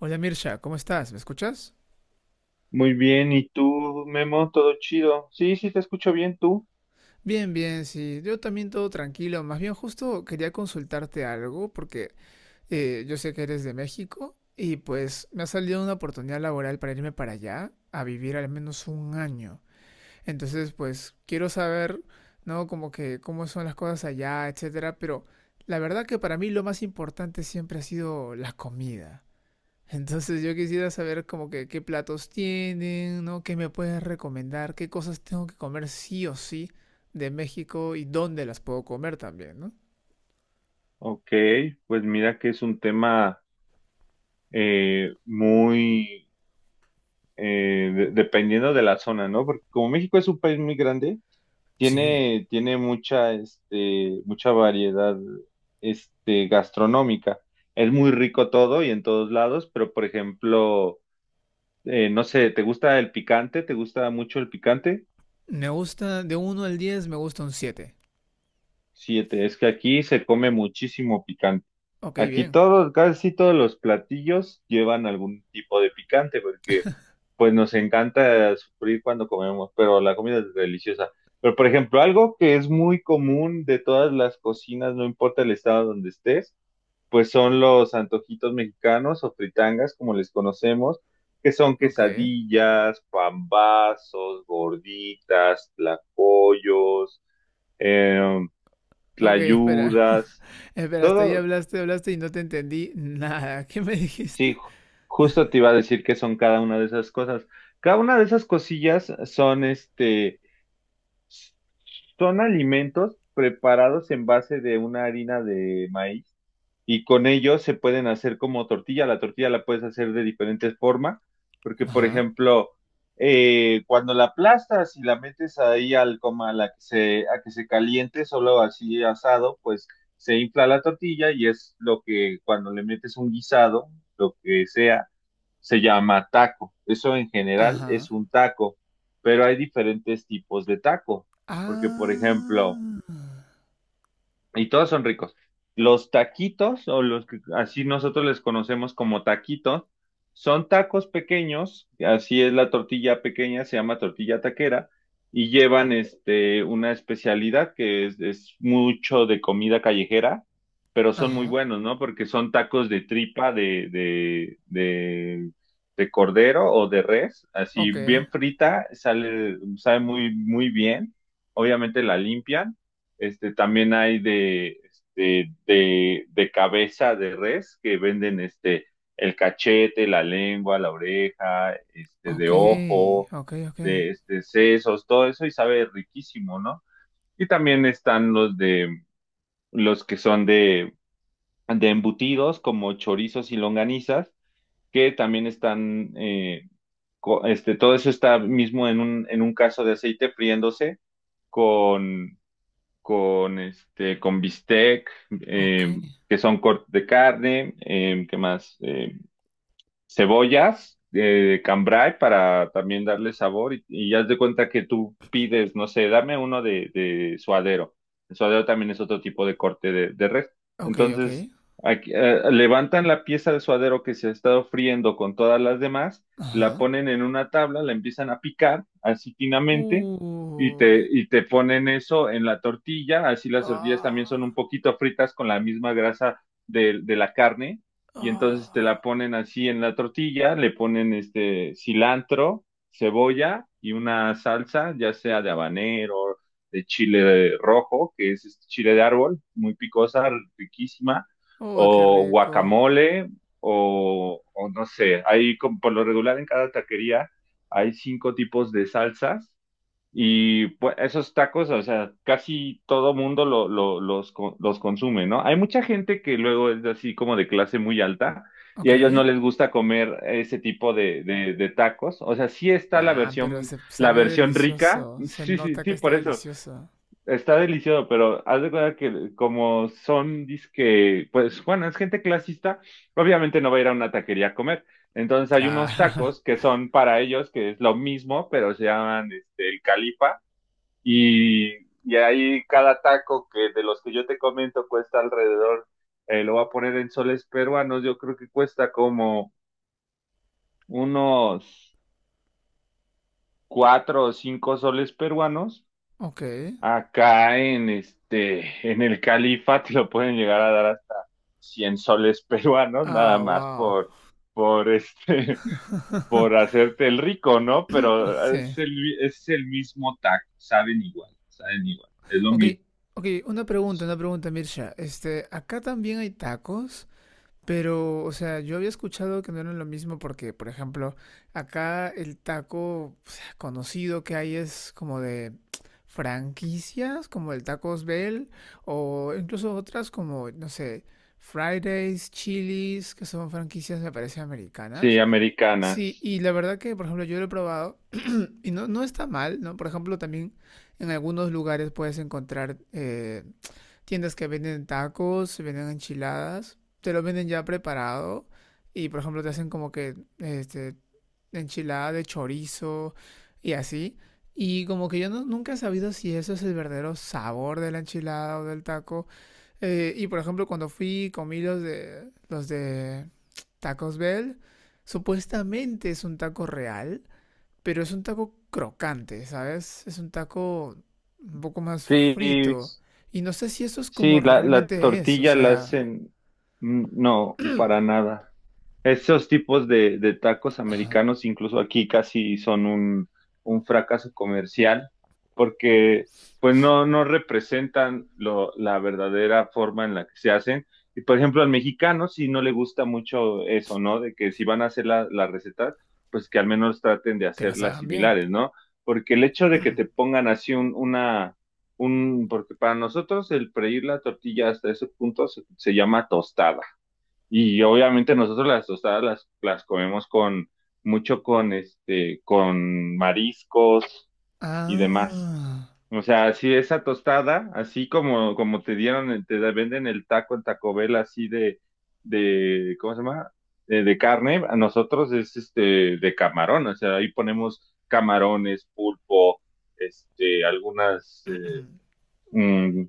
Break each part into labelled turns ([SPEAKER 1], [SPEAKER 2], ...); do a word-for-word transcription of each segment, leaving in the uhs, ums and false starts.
[SPEAKER 1] Hola Mirsha, ¿cómo estás? ¿Me escuchas?
[SPEAKER 2] Muy bien, ¿y tú, Memo? ¿Todo chido? Sí, sí, te escucho bien, ¿tú?
[SPEAKER 1] Bien, bien, sí. Yo también todo tranquilo. Más bien justo quería consultarte algo porque eh, yo sé que eres de México y pues me ha salido una oportunidad laboral para irme para allá a vivir al menos un año. Entonces pues quiero saber, ¿no? Como que cómo son las cosas allá, etcétera. Pero la verdad que para mí lo más importante siempre ha sido la comida. Entonces yo quisiera saber como que qué platos tienen, ¿no? ¿Qué me puedes recomendar? ¿Qué cosas tengo que comer sí o sí de México y dónde las puedo comer también, ¿no?
[SPEAKER 2] Ok, pues mira que es un tema eh, muy eh, de- dependiendo de la zona, ¿no? Porque como México es un país muy grande,
[SPEAKER 1] Sí.
[SPEAKER 2] tiene, tiene mucha, este, mucha variedad, este, gastronómica. Es muy rico todo y en todos lados, pero por ejemplo, eh, no sé, ¿te gusta el picante? ¿Te gusta mucho el picante?
[SPEAKER 1] Me gusta, de uno al diez me gusta un siete.
[SPEAKER 2] Sí, te- es que aquí se come muchísimo.
[SPEAKER 1] Ok,
[SPEAKER 2] Aquí
[SPEAKER 1] bien.
[SPEAKER 2] todos, casi sí todos los platillos llevan algún tipo de picante, porque pues nos encanta sufrir cuando comemos, pero la comida es deliciosa. Pero por ejemplo, algo que es muy común de todas las cocinas, no importa el estado donde estés, pues son los antojitos mexicanos o fritangas, como les conocemos, que son
[SPEAKER 1] Ok.
[SPEAKER 2] quesadillas, pambazos, gorditas, tlacoyos, eh,
[SPEAKER 1] Ok, espera.
[SPEAKER 2] tlayudas,
[SPEAKER 1] Espera, hasta ahí
[SPEAKER 2] todo.
[SPEAKER 1] hablaste, hablaste y no te entendí nada. ¿Qué me
[SPEAKER 2] Sí,
[SPEAKER 1] dijiste?
[SPEAKER 2] ju- justo te iba a decir que son cada una de esas cosas. Cada una de esas cosillas son este, son alimentos preparados en base de una harina de maíz y con ellos se pueden hacer como tortilla. La tortilla la puedes hacer de diferentes formas, porque por
[SPEAKER 1] Ajá.
[SPEAKER 2] ejemplo, eh, cuando la aplastas y la metes ahí al coma a la que se, a que se caliente, solo así asado, pues se infla la tortilla y es lo que cuando le metes un guisado, lo que sea se llama taco. Eso en general
[SPEAKER 1] Ajá.
[SPEAKER 2] es un taco, pero hay diferentes tipos de taco, porque por ejemplo,
[SPEAKER 1] Ah.
[SPEAKER 2] y todos son ricos. Los taquitos, o los que así nosotros les conocemos como taquitos, son tacos pequeños, así es la tortilla pequeña, se llama tortilla taquera, y llevan este, una especialidad que es, es mucho de comida callejera, pero son muy
[SPEAKER 1] Ajá.
[SPEAKER 2] buenos, ¿no? Porque son tacos de tripa, de, de, de, de cordero o de res, así
[SPEAKER 1] Ok.
[SPEAKER 2] bien frita, sale, sabe muy, muy bien, obviamente la limpian este, también hay de, este, de, de cabeza de res que venden este, el cachete, la lengua, la oreja, este,
[SPEAKER 1] Ok.
[SPEAKER 2] de ojo,
[SPEAKER 1] Ok, ok.
[SPEAKER 2] de este, sesos, todo eso y sabe riquísimo, ¿no? Y también están los de los que son de, de embutidos como chorizos y longanizas, que también están, eh, co- este, todo eso está mismo en un, en un caso de aceite friéndose con con este, con bistec,
[SPEAKER 1] Ok.
[SPEAKER 2] eh, que son cortes de carne, eh, ¿qué más? Eh, cebollas de cambray para también darle sabor y, y haz de cuenta que tú pides, no sé, dame uno de, de suadero. El suadero también es otro tipo de corte de, de res.
[SPEAKER 1] Ok, ok.
[SPEAKER 2] Entonces, aquí, eh, levantan la pieza de suadero que se ha estado friendo con todas las demás, la
[SPEAKER 1] Ajá.
[SPEAKER 2] ponen en una tabla, la empiezan a picar así finamente. Y te,
[SPEAKER 1] Uh.
[SPEAKER 2] y te ponen eso en la tortilla, así las tortillas también
[SPEAKER 1] Ah.
[SPEAKER 2] son un poquito fritas con la misma grasa de de la carne, y entonces te
[SPEAKER 1] Ah.
[SPEAKER 2] la ponen así en la tortilla, le ponen este cilantro, cebolla y una salsa, ya sea de habanero, de chile rojo, que es este chile de árbol, muy picosa, riquísima,
[SPEAKER 1] Uy, qué
[SPEAKER 2] o
[SPEAKER 1] rico.
[SPEAKER 2] guacamole, o, o no sé, hay como por lo regular en cada taquería hay cinco tipos de salsas y pues, esos tacos, o sea, casi todo mundo lo, lo- los, co- los consume, ¿no? Hay mucha gente que luego es así como de clase muy alta y
[SPEAKER 1] Ok.
[SPEAKER 2] a ellos no les gusta comer ese tipo de, de, de tacos. O sea, sí está la
[SPEAKER 1] Nah, pero
[SPEAKER 2] versión,
[SPEAKER 1] se
[SPEAKER 2] la
[SPEAKER 1] sabe
[SPEAKER 2] versión rica,
[SPEAKER 1] delicioso. Se
[SPEAKER 2] sí, sí,
[SPEAKER 1] nota que
[SPEAKER 2] sí,
[SPEAKER 1] está
[SPEAKER 2] por eso,
[SPEAKER 1] delicioso.
[SPEAKER 2] está delicioso, pero haz de cuenta que como son, dizque, pues bueno, es gente clasista, obviamente no va a ir a una taquería a comer. Entonces hay unos
[SPEAKER 1] Claro.
[SPEAKER 2] tacos que son para ellos, que es lo mismo, pero se llaman este, el Califa. Y, y ahí cada taco que de los que yo te comento cuesta alrededor, eh, lo voy a poner en soles peruanos, yo creo que cuesta como unos cuatro o cinco soles peruanos.
[SPEAKER 1] Ok.
[SPEAKER 2] Acá en este, en el Califa te lo pueden llegar a dar hasta cien soles peruanos, nada
[SPEAKER 1] Ah,
[SPEAKER 2] más
[SPEAKER 1] wow.
[SPEAKER 2] por, por este, por hacerte el rico, ¿no? Pero es
[SPEAKER 1] Sí.
[SPEAKER 2] el, es el mismo taco, saben igual, saben igual, es lo
[SPEAKER 1] Ok,
[SPEAKER 2] mismo.
[SPEAKER 1] ok, una pregunta, una pregunta, Mirsha. Este, ¿acá también hay tacos? Pero, o sea, yo había escuchado que no era lo mismo porque, por ejemplo, acá el taco o sea, conocido que hay es como de franquicias, como el Tacos Bell, o incluso otras como, no sé, Fridays, Chili's, que son franquicias, me parece,
[SPEAKER 2] Sí,
[SPEAKER 1] americanas. Sí,
[SPEAKER 2] americanas.
[SPEAKER 1] y la verdad que, por ejemplo, yo lo he probado y no, no está mal, ¿no? Por ejemplo, también en algunos lugares puedes encontrar, eh, tiendas que venden tacos, venden enchiladas, te lo venden ya preparado y por ejemplo te hacen como que este enchilada de chorizo y así. Y como que yo no- nunca he sabido si eso es el verdadero sabor de la enchilada o del taco. Eh, y por ejemplo, cuando fui comí los de los de Tacos Bell, supuestamente es un taco real, pero es un taco crocante, ¿sabes? Es un taco un poco más
[SPEAKER 2] Sí,
[SPEAKER 1] frito. Y no sé si eso es como
[SPEAKER 2] sí, la, la
[SPEAKER 1] realmente es, o
[SPEAKER 2] tortilla la
[SPEAKER 1] sea,
[SPEAKER 2] hacen, mm, no, para nada. Esos tipos de, de tacos americanos, incluso aquí casi son un, un fracaso comercial, porque pues no, no representan lo- la verdadera forma en la que se hacen. Y por ejemplo, al mexicano sí no le gusta mucho eso, ¿no? De que si van a hacer la, la receta, pues que al menos traten de
[SPEAKER 1] que las
[SPEAKER 2] hacerlas
[SPEAKER 1] hagan bien.
[SPEAKER 2] similares, ¿no? Porque el hecho de que te pongan así un, una, un, porque para nosotros el freír la tortilla hasta ese punto se se llama tostada. Y obviamente nosotros las tostadas las, las comemos con mucho con este, con mariscos y demás.
[SPEAKER 1] Ah,
[SPEAKER 2] O sea, si esa tostada, así como, como te dieron, el- te venden el taco en Taco Bell así de, de, ¿cómo se llama? De, de carne, a nosotros es este de camarón, o sea, ahí ponemos camarones, pulpo, este, algunas, eh, mm,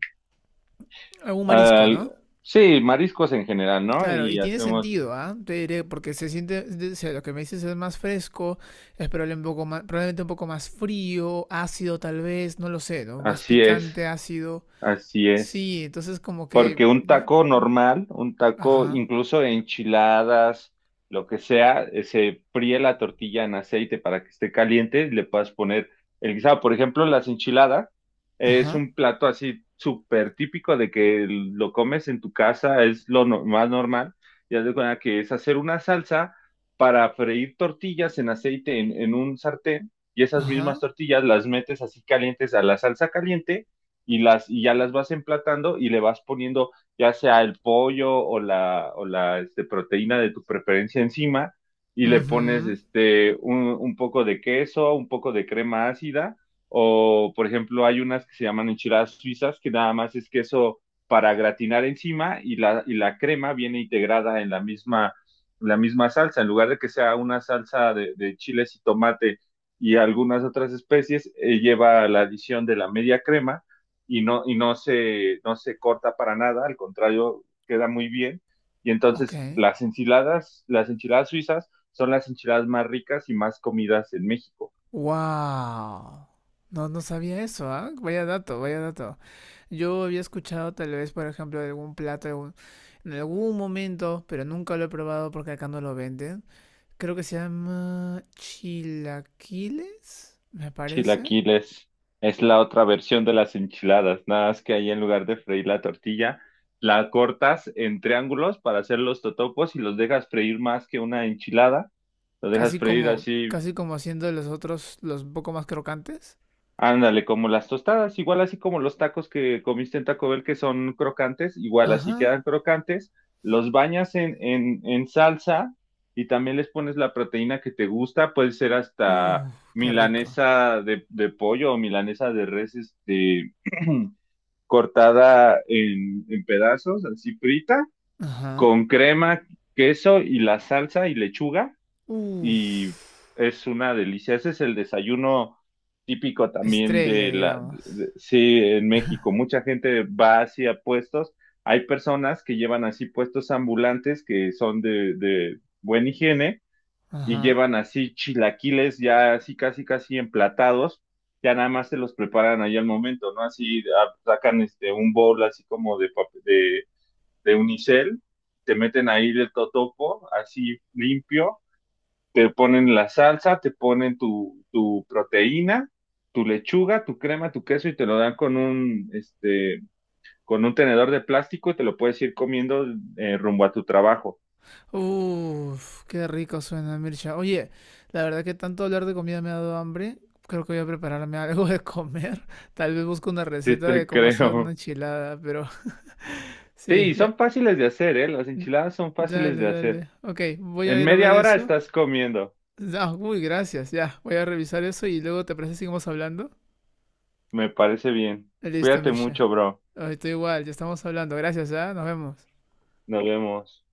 [SPEAKER 1] algún marisco,
[SPEAKER 2] al-
[SPEAKER 1] ¿no?
[SPEAKER 2] sí, mariscos en general, ¿no?
[SPEAKER 1] Claro, y
[SPEAKER 2] Y
[SPEAKER 1] tiene
[SPEAKER 2] hacemos, eh,
[SPEAKER 1] sentido, ¿ah? Te diré, porque se siente, de- o sea, lo que me dices es más fresco, es probable un poco más, probablemente un poco más frío, ácido tal vez, no lo sé, ¿no? Más
[SPEAKER 2] así es.
[SPEAKER 1] picante, ácido.
[SPEAKER 2] Así es,
[SPEAKER 1] Sí, entonces como que...
[SPEAKER 2] porque un taco normal, un taco
[SPEAKER 1] Ajá,
[SPEAKER 2] incluso de enchiladas, lo que sea, eh, se fríe la tortilla en aceite para que esté caliente, y le puedas poner el guisado. Por ejemplo, las enchiladas eh, es
[SPEAKER 1] ajá,
[SPEAKER 2] un plato así súper típico de que lo comes en tu casa, es lo no- más normal. Ya de cuenta que es hacer una salsa para freír tortillas en aceite en en un sartén y esas
[SPEAKER 1] ajá.
[SPEAKER 2] mismas tortillas las metes así calientes a la salsa caliente y las y ya las vas emplatando y le vas poniendo ya sea el pollo o la o la este, proteína de tu preferencia encima y le pones
[SPEAKER 1] Mhm,
[SPEAKER 2] este un, un poco de queso, un poco de crema ácida, o por ejemplo hay unas que se llaman enchiladas suizas que nada más es queso para gratinar encima y la y la crema viene integrada en la misma la misma salsa en lugar de que sea una salsa de, de chiles y tomate y algunas otras especies, eh, lleva la adición de la media crema y no, y no se, no se corta para nada, al contrario, queda muy bien. Y
[SPEAKER 1] ok.
[SPEAKER 2] entonces las enchiladas, las enchiladas suizas son las enchiladas más ricas y más comidas en México.
[SPEAKER 1] Wow. No, no sabía eso, ¿ah? Vaya dato, vaya dato. Yo había escuchado tal vez, por ejemplo, de algún plato algún- en algún momento, pero nunca lo he probado porque acá no lo venden. Creo que se llama chilaquiles, me parece.
[SPEAKER 2] Chilaquiles es la otra versión de las enchiladas, nada más que ahí en lugar de freír la tortilla, la cortas en triángulos para hacer los totopos y los dejas freír más que una enchilada. Los dejas
[SPEAKER 1] Casi
[SPEAKER 2] freír
[SPEAKER 1] como,
[SPEAKER 2] así.
[SPEAKER 1] casi como haciendo los otros, los un poco más crocantes.
[SPEAKER 2] Ándale, como las tostadas, igual así como los tacos que comiste en Taco Bell que son crocantes, igual así
[SPEAKER 1] Ajá.
[SPEAKER 2] quedan crocantes, los bañas en, en, en salsa y también les pones la proteína que te gusta, puede ser hasta
[SPEAKER 1] Uf, qué rico.
[SPEAKER 2] milanesa de, de pollo o milanesa de res, este, cortada en, en pedazos, así frita,
[SPEAKER 1] Ajá.
[SPEAKER 2] con crema, queso y la salsa y lechuga
[SPEAKER 1] Uf.
[SPEAKER 2] y es una delicia. Ese es el desayuno típico también
[SPEAKER 1] Estrella,
[SPEAKER 2] de la,
[SPEAKER 1] digamos.
[SPEAKER 2] de- sí, en México. Mucha gente va hacia puestos. Hay personas que llevan así puestos ambulantes que son de, de buena higiene y
[SPEAKER 1] Ajá.
[SPEAKER 2] llevan así chilaquiles ya así casi casi emplatados. Ya nada más se los preparan ahí al momento, ¿no? Así ah, sacan este un bowl así como de, pap- de, de unicel, te meten ahí el totopo, así limpio, te ponen la salsa, te ponen tu, tu proteína, tu lechuga, tu crema, tu queso y te lo dan con un, este, con un tenedor de plástico y te lo puedes ir comiendo eh, rumbo a tu trabajo.
[SPEAKER 1] Uf, qué rico suena, Mircha. Oye, la verdad que tanto hablar de comida me ha dado hambre. Creo que voy a prepararme algo de comer. Tal vez busco una
[SPEAKER 2] Sí,
[SPEAKER 1] receta de
[SPEAKER 2] te
[SPEAKER 1] cómo hacer una
[SPEAKER 2] creo.
[SPEAKER 1] enchilada, pero sí,
[SPEAKER 2] Sí,
[SPEAKER 1] ya.
[SPEAKER 2] son fáciles de hacer, ¿eh? Las enchiladas son fáciles
[SPEAKER 1] Dale,
[SPEAKER 2] de hacer.
[SPEAKER 1] dale. Ok, voy a
[SPEAKER 2] En
[SPEAKER 1] ir a ver
[SPEAKER 2] media hora
[SPEAKER 1] eso.
[SPEAKER 2] estás comiendo.
[SPEAKER 1] Ah, uy, gracias, ya. Voy a revisar eso y luego te parece que seguimos hablando.
[SPEAKER 2] Me parece bien.
[SPEAKER 1] Listo,
[SPEAKER 2] Cuídate
[SPEAKER 1] Mircha.
[SPEAKER 2] mucho, bro.
[SPEAKER 1] Ay, estoy igual, ya estamos hablando. Gracias, ya. Nos vemos.
[SPEAKER 2] Nos vemos.